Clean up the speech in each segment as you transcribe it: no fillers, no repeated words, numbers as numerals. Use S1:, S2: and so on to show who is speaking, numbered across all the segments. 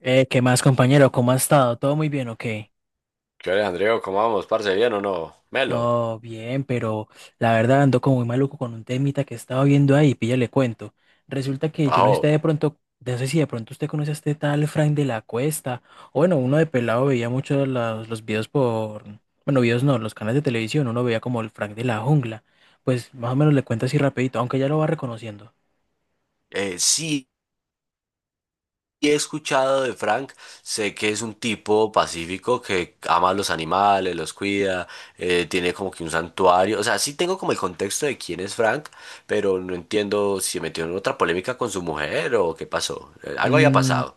S1: ¿Qué más, compañero? ¿Cómo ha estado? ¿Todo muy bien o qué?
S2: ¿Qué hora, Andreo? ¿Cómo vamos, parce? ¿Bien o no? Melo,
S1: No, bien, pero la verdad ando como muy maluco con un temita que estaba viendo ahí, píllale cuento. Resulta
S2: ¿qué
S1: que yo no sé si de
S2: pasó?
S1: pronto, no sé si de pronto usted conoce a este tal Frank de la Cuesta. O bueno, uno de pelado veía mucho los videos por, bueno, videos no, los canales de televisión, uno veía como el Frank de la Jungla. Pues más o menos le cuento así rapidito, aunque ya lo va reconociendo.
S2: Sí, he escuchado de Frank, sé que es un tipo pacífico que ama a los animales, los cuida, tiene como que un santuario. O sea, sí tengo como el contexto de quién es Frank, pero no entiendo si se metió en otra polémica con su mujer o qué pasó. Algo había
S1: Mm,
S2: pasado.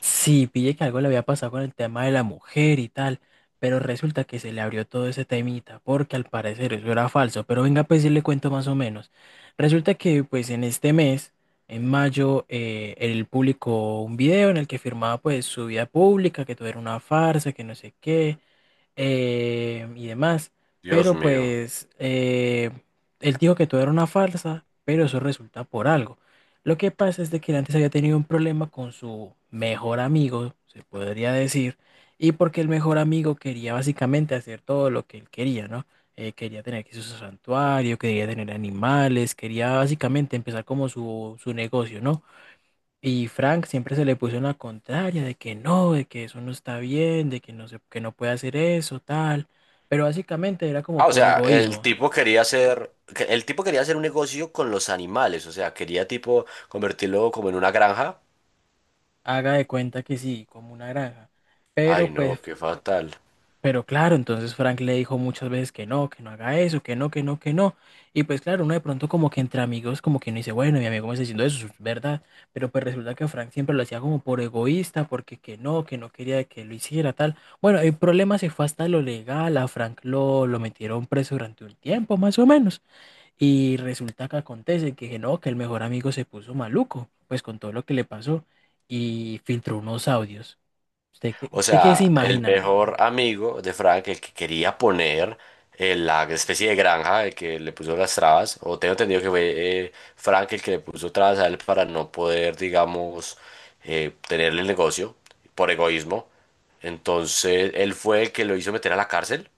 S1: sí, pillé que algo le había pasado con el tema de la mujer y tal, pero resulta que se le abrió todo ese temita, porque al parecer eso era falso, pero venga pues sí le cuento más o menos. Resulta que pues en este mes, en mayo, él publicó un video en el que firmaba pues su vida pública, que todo era una farsa, que no sé qué, y demás.
S2: Dios
S1: Pero
S2: mío.
S1: pues él dijo que todo era una farsa, pero eso resulta por algo. Lo que pasa es de que él antes había tenido un problema con su mejor amigo, se podría decir, y porque el mejor amigo quería básicamente hacer todo lo que él quería, ¿no? Quería tener aquí su santuario, quería tener animales, quería básicamente empezar como su negocio, ¿no? Y Frank siempre se le puso en la contraria de que no, de que eso no está bien, de que no se, que no puede hacer eso, tal. Pero básicamente era como
S2: Ah, o
S1: por
S2: sea, el
S1: egoísmo.
S2: tipo quería hacer, el tipo quería hacer un negocio con los animales, o sea, quería tipo convertirlo como en una granja.
S1: Haga de cuenta que sí, como una granja.
S2: Ay,
S1: Pero pues
S2: no, qué fatal.
S1: pero claro, entonces Frank le dijo muchas veces que no haga eso, que no, que no, que no. Y pues claro, uno de pronto como que entre amigos como que no dice, bueno, mi amigo me está diciendo eso, es verdad. Pero pues resulta que Frank siempre lo hacía como por egoísta, porque que no quería que lo hiciera tal. Bueno, el problema se fue hasta lo legal, a Frank lo metieron preso durante un tiempo más o menos. Y resulta que acontece que no, que el mejor amigo se puso maluco, pues con todo lo que le pasó y filtró unos audios.
S2: O
S1: Usted qué se
S2: sea, el
S1: imagina?
S2: mejor amigo de Frank, el que quería poner la especie de granja, el que le puso las trabas, o tengo entendido que fue Frank el que le puso trabas a él para no poder, digamos, tenerle el negocio por egoísmo. Entonces, él fue el que lo hizo meter a la cárcel.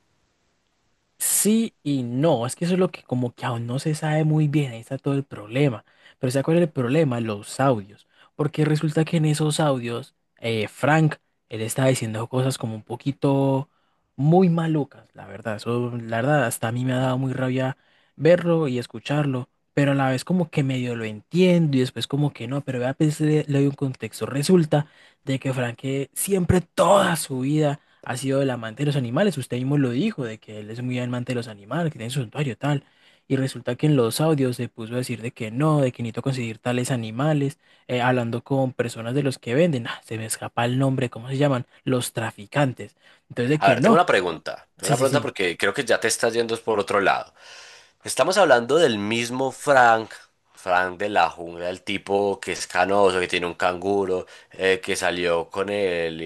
S1: Sí y no, es que eso es lo que como que aún no se sabe muy bien, ahí está todo el problema. Pero ¿se acuerda el problema? Los audios. Porque resulta que en esos audios, Frank, él estaba diciendo cosas como un poquito muy malucas, la verdad. Eso, la verdad, hasta a mí me ha dado muy rabia verlo y escucharlo, pero a la vez como que medio lo entiendo y después como que no, pero vea, pues le, doy un contexto. Resulta de que Frank siempre toda su vida ha sido el amante de los animales. Usted mismo lo dijo, de que él es muy amante de los animales, que tiene su santuario tal. Y resulta que en los audios se puso a decir de que no, de que necesito conseguir tales animales, hablando con personas de los que venden. Ah, se me escapa el nombre, ¿cómo se llaman? Los traficantes. Entonces de
S2: A
S1: que
S2: ver, tengo
S1: no.
S2: una pregunta. Tengo
S1: Sí,
S2: una
S1: sí,
S2: pregunta
S1: sí.
S2: porque creo que ya te estás yendo por otro lado. Estamos hablando del mismo Frank, Frank de la Jungla, el tipo que es canoso, que tiene un canguro, que salió con el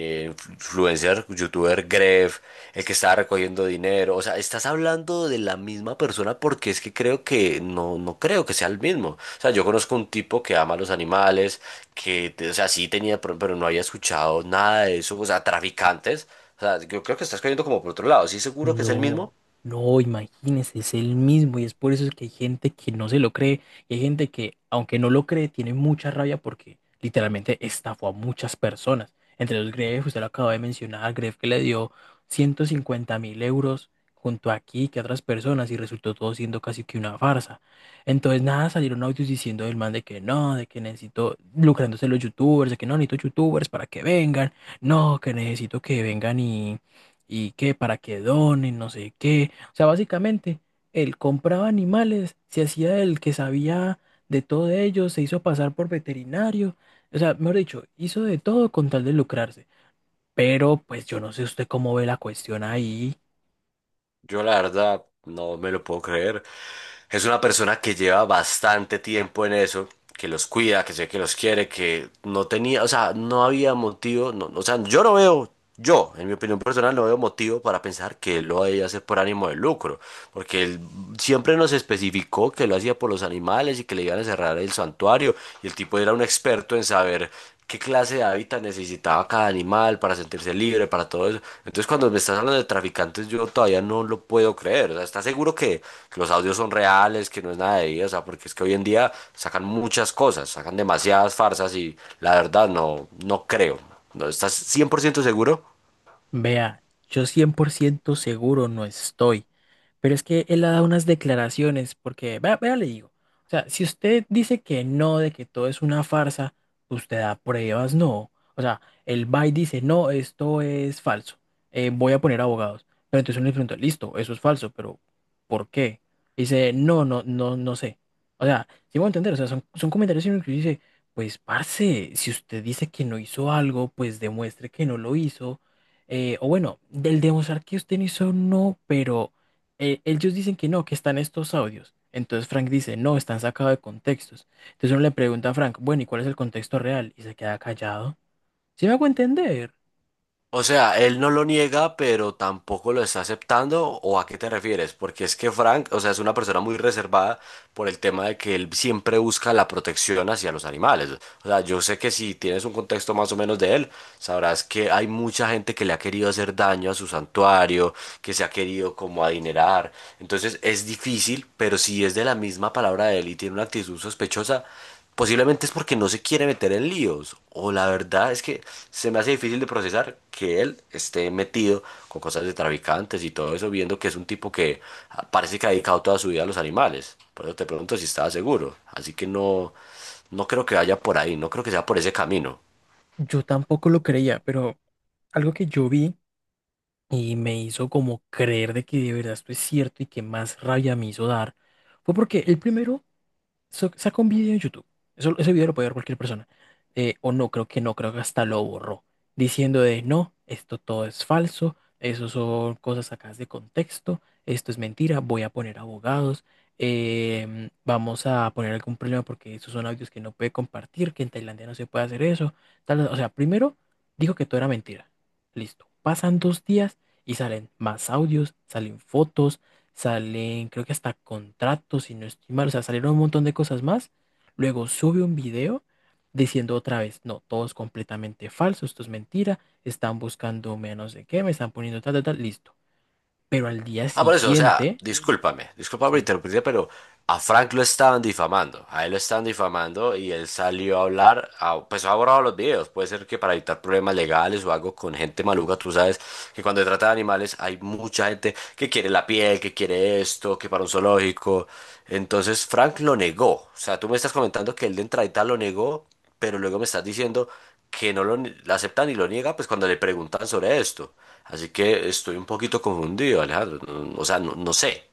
S2: influencer, youtuber Gref, el que estaba recogiendo dinero. O sea, estás hablando de la misma persona porque es que creo que no, no creo que sea el mismo. O sea, yo conozco un tipo que ama a los animales, que, o sea, sí tenía, pero no había escuchado nada de eso. O sea, traficantes. O sea, yo creo que estás cayendo como por otro lado. Sí, seguro que es el
S1: No,
S2: mismo.
S1: no, imagínese, es el mismo y es por eso que hay gente que no se lo cree y hay gente que, aunque no lo cree, tiene mucha rabia porque literalmente estafó a muchas personas. Entre los Greff, usted lo acaba de mencionar, Greff que le dio 150.000 euros junto a aquí que a otras personas y resultó todo siendo casi que una farsa. Entonces, nada, salieron audios diciendo del man de que no, de que necesito lucrándose los youtubers, de que no necesito youtubers para que vengan, no, que necesito que vengan y que para que donen, no sé qué. O sea, básicamente, él compraba animales, se hacía el que sabía de todo de ellos, se hizo pasar por veterinario, o sea, mejor dicho, hizo de todo con tal de lucrarse. Pero pues yo no sé usted cómo ve la cuestión ahí.
S2: Yo la verdad no me lo puedo creer. Es una persona que lleva bastante tiempo en eso, que los cuida, que sé que los quiere, que no tenía, o sea, no había motivo, no, o sea, yo no veo, yo, en mi opinión personal, no veo motivo para pensar que él lo haya hacer por ánimo de lucro, porque él siempre nos especificó que lo hacía por los animales y que le iban a cerrar el santuario, y el tipo era un experto en saber qué clase de hábitat necesitaba cada animal para sentirse libre, para todo eso. Entonces, cuando me estás hablando de traficantes, yo todavía no lo puedo creer. O sea, ¿estás seguro que los audios son reales, que no es nada de ahí? O sea, porque es que hoy en día sacan muchas cosas, sacan demasiadas farsas y la verdad no, no creo. ¿No estás 100% seguro?
S1: Vea, yo 100% seguro no estoy. Pero es que él ha dado unas declaraciones, porque, vea, vea, le digo, o sea, si usted dice que no, de que todo es una farsa, usted da pruebas, no. O sea, él va y dice, no, esto es falso, voy a poner abogados. Pero entonces uno le pregunta, listo, eso es falso, pero ¿por qué? Dice, no, no, no, no sé. O sea, sí me voy a entender, o sea, son comentarios en los que uno dice, pues, parce, si usted dice que no hizo algo, pues demuestre que no lo hizo. O bueno, del demostrar que usted no hizo, no, pero ellos dicen que no, que están estos audios. Entonces Frank dice, no, están sacados de contextos. Entonces uno le pregunta a Frank, bueno, ¿y cuál es el contexto real? Y se queda callado. ¿Sí me hago entender?
S2: O sea, él no lo niega, pero tampoco lo está aceptando. ¿O a qué te refieres? Porque es que Frank, o sea, es una persona muy reservada por el tema de que él siempre busca la protección hacia los animales. O sea, yo sé que si tienes un contexto más o menos de él, sabrás que hay mucha gente que le ha querido hacer daño a su santuario, que se ha querido como adinerar. Entonces es difícil, pero si es de la misma palabra de él y tiene una actitud sospechosa, posiblemente es porque no se quiere meter en líos. O la verdad es que se me hace difícil de procesar que él esté metido con cosas de traficantes y todo eso, viendo que es un tipo que parece que ha dedicado toda su vida a los animales. Por eso te pregunto si estaba seguro. Así que no, no creo que vaya por ahí, no creo que sea por ese camino.
S1: Yo tampoco lo creía, pero algo que yo vi y me hizo como creer de que de verdad esto es cierto y que más rabia me hizo dar fue porque el primero saca un video en YouTube. Eso, ese video lo puede ver cualquier persona. O no, creo que no, creo que hasta lo borró. Diciendo de no, esto todo es falso, eso son cosas sacadas de contexto, esto es mentira, voy a poner abogados, vamos a poner algún problema porque esos son audios que no puede compartir, que en Tailandia no se puede hacer eso. Tal, o sea, primero dijo que todo era mentira. Listo. Pasan 2 días y salen más audios, salen fotos, salen creo que hasta contratos, si no estoy mal, o sea, salieron un montón de cosas más. Luego sube un video diciendo otra vez, no, todo es completamente falso, esto es mentira, están buscando menos de qué, me están poniendo tal, tal, tal, listo. Pero al día
S2: Ah, por eso, o sea,
S1: siguiente,
S2: discúlpame, disculpa por
S1: sí.
S2: interrumpirte, pero a Frank lo estaban difamando, a él lo estaban difamando y él salió a hablar, pues ha borrado los videos, puede ser que para evitar problemas legales o algo con gente maluca. Tú sabes que cuando se trata de animales hay mucha gente que quiere la piel, que quiere esto, que para un zoológico, entonces Frank lo negó, o sea, tú me estás comentando que él de entradita lo negó, pero luego me estás diciendo que no lo, la acepta ni lo niega, pues cuando le preguntan sobre esto. Así que estoy un poquito confundido, Alejandro. No, O sea, no, no sé.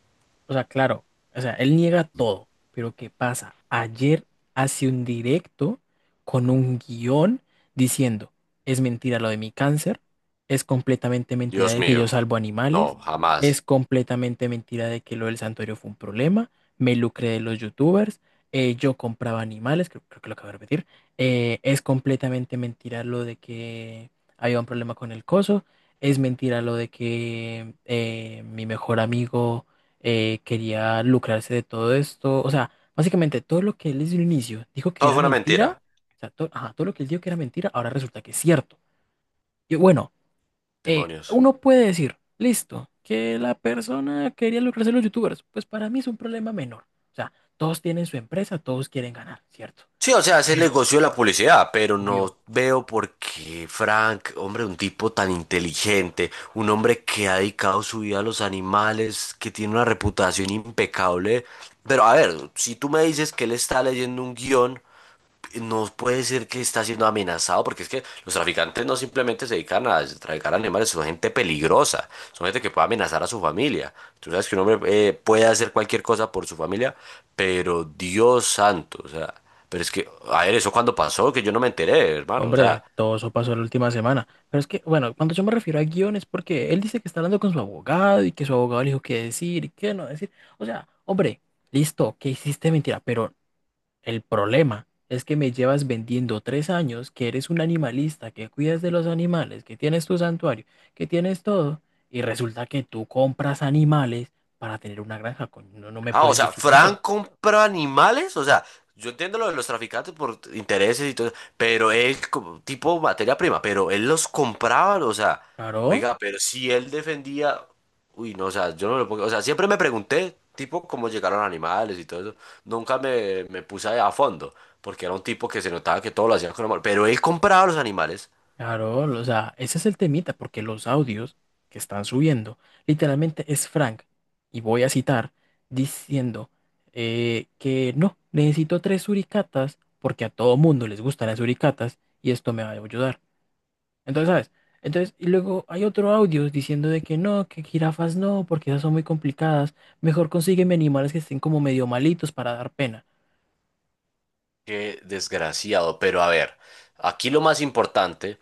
S1: O sea, claro, o sea, él niega todo, pero ¿qué pasa? Ayer hace un directo con un guión diciendo, es mentira lo de mi cáncer, es completamente mentira
S2: Dios
S1: de que yo
S2: mío.
S1: salvo animales,
S2: No,
S1: es
S2: jamás.
S1: completamente mentira de que lo del santuario fue un problema, me lucré de los youtubers, yo compraba animales, creo, que lo acabo de repetir, es completamente mentira lo de que había un problema con el coso, es mentira lo de que mi mejor amigo quería lucrarse de todo esto. O sea, básicamente todo lo que él desde un inicio dijo que
S2: Todo
S1: era
S2: fue una
S1: mentira,
S2: mentira.
S1: o sea, ajá, todo lo que él dijo que era mentira, ahora resulta que es cierto. Y bueno,
S2: Demonios.
S1: uno puede decir, listo, que la persona quería lucrarse de los youtubers. Pues para mí es un problema menor. O sea, todos tienen su empresa, todos quieren ganar, ¿cierto?
S2: Sí, o sea, es el
S1: Pero
S2: negocio de la publicidad, pero
S1: obvio
S2: no veo por qué Frank, hombre, un tipo tan inteligente, un hombre que ha dedicado su vida a los animales, que tiene una reputación impecable. Pero a ver, si tú me dices que él está leyendo un guión no puede decir que está siendo amenazado, porque es que los traficantes no simplemente se dedican a traficar animales, son gente peligrosa, son gente que puede amenazar a su familia. Tú sabes que un hombre puede hacer cualquier cosa por su familia, pero Dios santo, o sea, pero es que, a ver, eso cuando pasó, que yo no me enteré, hermano, o sea,
S1: hombre, todo eso pasó la última semana. Pero es que, bueno, cuando yo me refiero a guión es porque él dice que está hablando con su abogado y que su abogado le dijo qué decir y qué no decir. O sea, hombre, listo, que hiciste mentira, pero el problema es que me llevas vendiendo 3 años, que eres un animalista, que cuidas de los animales, que tienes tu santuario, que tienes todo, y resulta que tú compras animales para tener una granja. Coño, no, no me
S2: ah, o
S1: puedes
S2: sea,
S1: decir eso.
S2: Fran compra animales, o sea, yo entiendo lo de los traficantes por intereses y todo, pero él, como tipo materia prima, pero él los compraba, o sea,
S1: Claro.
S2: oiga, pero si él defendía, uy, no, o sea, yo no lo pongo, o sea, siempre me pregunté, tipo, cómo llegaron animales y todo eso, nunca me, me puse a fondo, porque era un tipo que se notaba que todo lo hacía con amor, pero él compraba los animales,
S1: Claro, o sea, ese es el temita, porque los audios que están subiendo, literalmente es Frank, y voy a citar, diciendo que no, necesito tres suricatas, porque a todo mundo les gustan las suricatas, y esto me va a ayudar. Entonces, ¿sabes? Entonces, y luego hay otro audio diciendo de que no, que jirafas no, porque esas son muy complicadas, mejor consígueme animales que estén como medio malitos para dar pena.
S2: qué desgraciado. Pero a ver, aquí lo más importante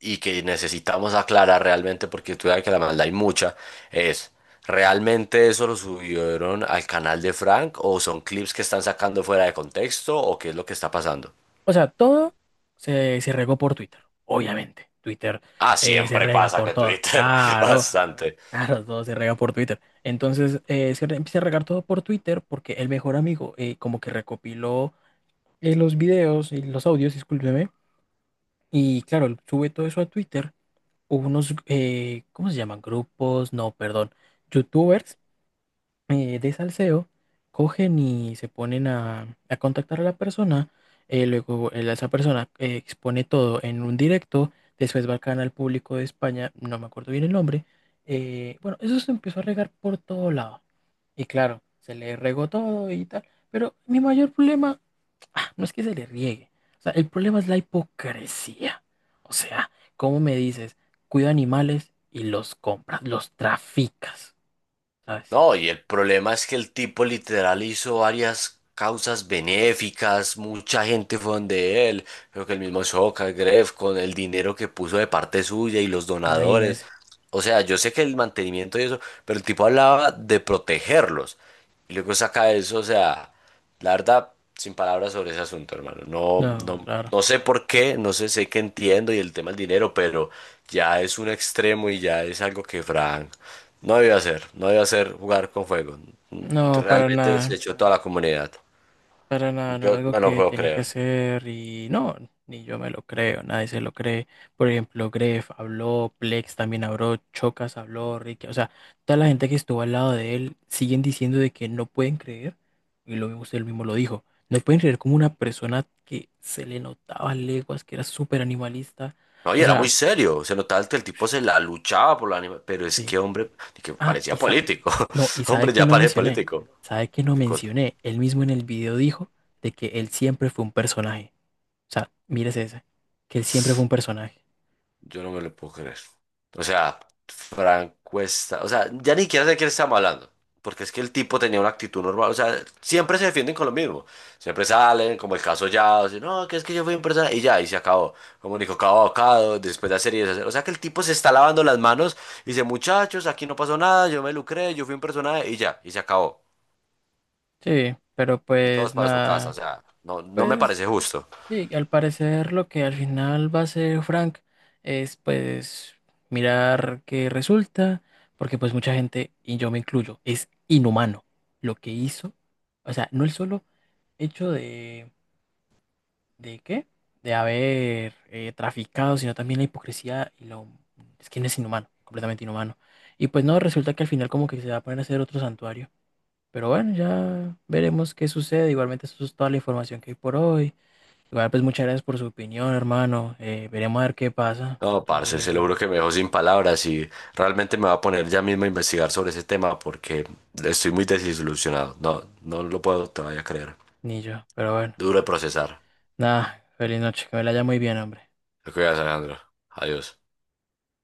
S2: y que necesitamos aclarar realmente, porque tú sabes que la maldad hay mucha, es, ¿realmente eso lo subieron al canal de Frank o son clips que están sacando fuera de contexto o qué es lo que está pasando?
S1: O sea, todo se regó por Twitter, obviamente. Twitter
S2: Ah,
S1: se
S2: siempre
S1: rega
S2: pasa
S1: por
S2: que
S1: todo.
S2: Twitter,
S1: Claro,
S2: bastante.
S1: claro, todo se rega por Twitter. Entonces, se empieza a regar todo por Twitter porque el mejor amigo como que recopiló los videos y los audios, discúlpeme. Y claro, él sube todo eso a Twitter. Hubo unos, ¿cómo se llaman? Grupos, no, perdón, youtubers de salseo, cogen y se ponen a, contactar a la persona, luego esa persona expone todo en un directo, después va al canal público de España, no me acuerdo bien el nombre, bueno, eso se empezó a regar por todo lado, y claro, se le regó todo y tal, pero mi mayor problema ah, no es que se le riegue, o sea, el problema es la hipocresía, o sea, ¿cómo me dices? Cuida animales y los compras, los traficas, ¿sabes?
S2: No, y el problema es que el tipo literal hizo varias causas benéficas, mucha gente fue donde él, creo que el mismo Soca, Gref, con el dinero que puso de parte suya y los donadores.
S1: Imagínense.
S2: O sea, yo sé que el mantenimiento y eso, pero el tipo hablaba de protegerlos. Y luego saca eso, o sea, la verdad, sin palabras sobre ese asunto, hermano. No,
S1: No,
S2: no,
S1: claro.
S2: no sé por qué, no sé, sé que entiendo y el tema del dinero, pero ya es un extremo y ya es algo que Frank no debe hacer, no debe hacer jugar con fuego.
S1: No,
S2: Realmente desechó toda la comunidad.
S1: para nada, no era
S2: Yo,
S1: algo
S2: yo no
S1: que
S2: puedo
S1: tenía que
S2: creer.
S1: hacer y no, ni yo me lo creo, nadie se lo cree. Por ejemplo, Gref habló, Plex también habló, Chocas habló, Ricky, o sea, toda la gente que estuvo al lado de él siguen diciendo de que no pueden creer, y lo mismo usted mismo lo dijo, no pueden creer como una persona que se le notaba leguas, que era súper animalista,
S2: No,
S1: o
S2: y era muy
S1: sea,
S2: serio, se notaba que el tipo se la luchaba por la anima, pero es
S1: sí.
S2: que hombre, que
S1: Ah, y
S2: parecía político.
S1: no, y sabe
S2: Hombre,
S1: que
S2: ya
S1: no
S2: parece
S1: mencioné,
S2: político.
S1: sabe que no
S2: Qué cosa.
S1: mencioné, él mismo en el video dijo de que él siempre fue un personaje. O sea, mírese ese, que él siempre fue un personaje.
S2: Yo no me lo puedo creer. O sea, Frank Cuesta, o sea, ya ni siquiera sé de quién estamos hablando, porque es que el tipo tenía una actitud normal, o sea, siempre se defienden con lo mismo, siempre salen, como el caso ya, o sea, no, que es que yo fui un persona, y ya, y se acabó, como Nico Cabo Abocado, después de hacer y deshacer, o sea, que el tipo se está lavando las manos, y dice, muchachos, aquí no pasó nada, yo me lucré, yo fui un personaje, y ya, y se acabó,
S1: Sí, pero
S2: y todos
S1: pues
S2: para su casa, o
S1: nada,
S2: sea, no, no me
S1: pues
S2: parece justo.
S1: sí, al parecer lo que al final va a hacer Frank es pues mirar qué resulta, porque pues mucha gente, y yo me incluyo, es inhumano lo que hizo. O sea, no el solo hecho de ¿de qué? De haber traficado, sino también la hipocresía y lo... Es que no es inhumano, completamente inhumano. Y pues no, resulta que al final como que se va a poner a hacer otro santuario. Pero bueno, ya veremos qué sucede. Igualmente eso es toda la información que hay por hoy. Igual pues muchas gracias por su opinión, hermano. Veremos a ver qué pasa.
S2: No, parce,
S1: Entonces,
S2: se lo juro
S1: nada,
S2: que me dejó sin palabras y realmente me va a poner ya mismo a investigar sobre ese tema porque estoy muy desilusionado. No, no lo puedo todavía creer.
S1: ni yo. Pero bueno,
S2: Duro de procesar.
S1: nada, feliz noche. Que me la haya muy bien, hombre.
S2: Te cuidas, Alejandro. Adiós.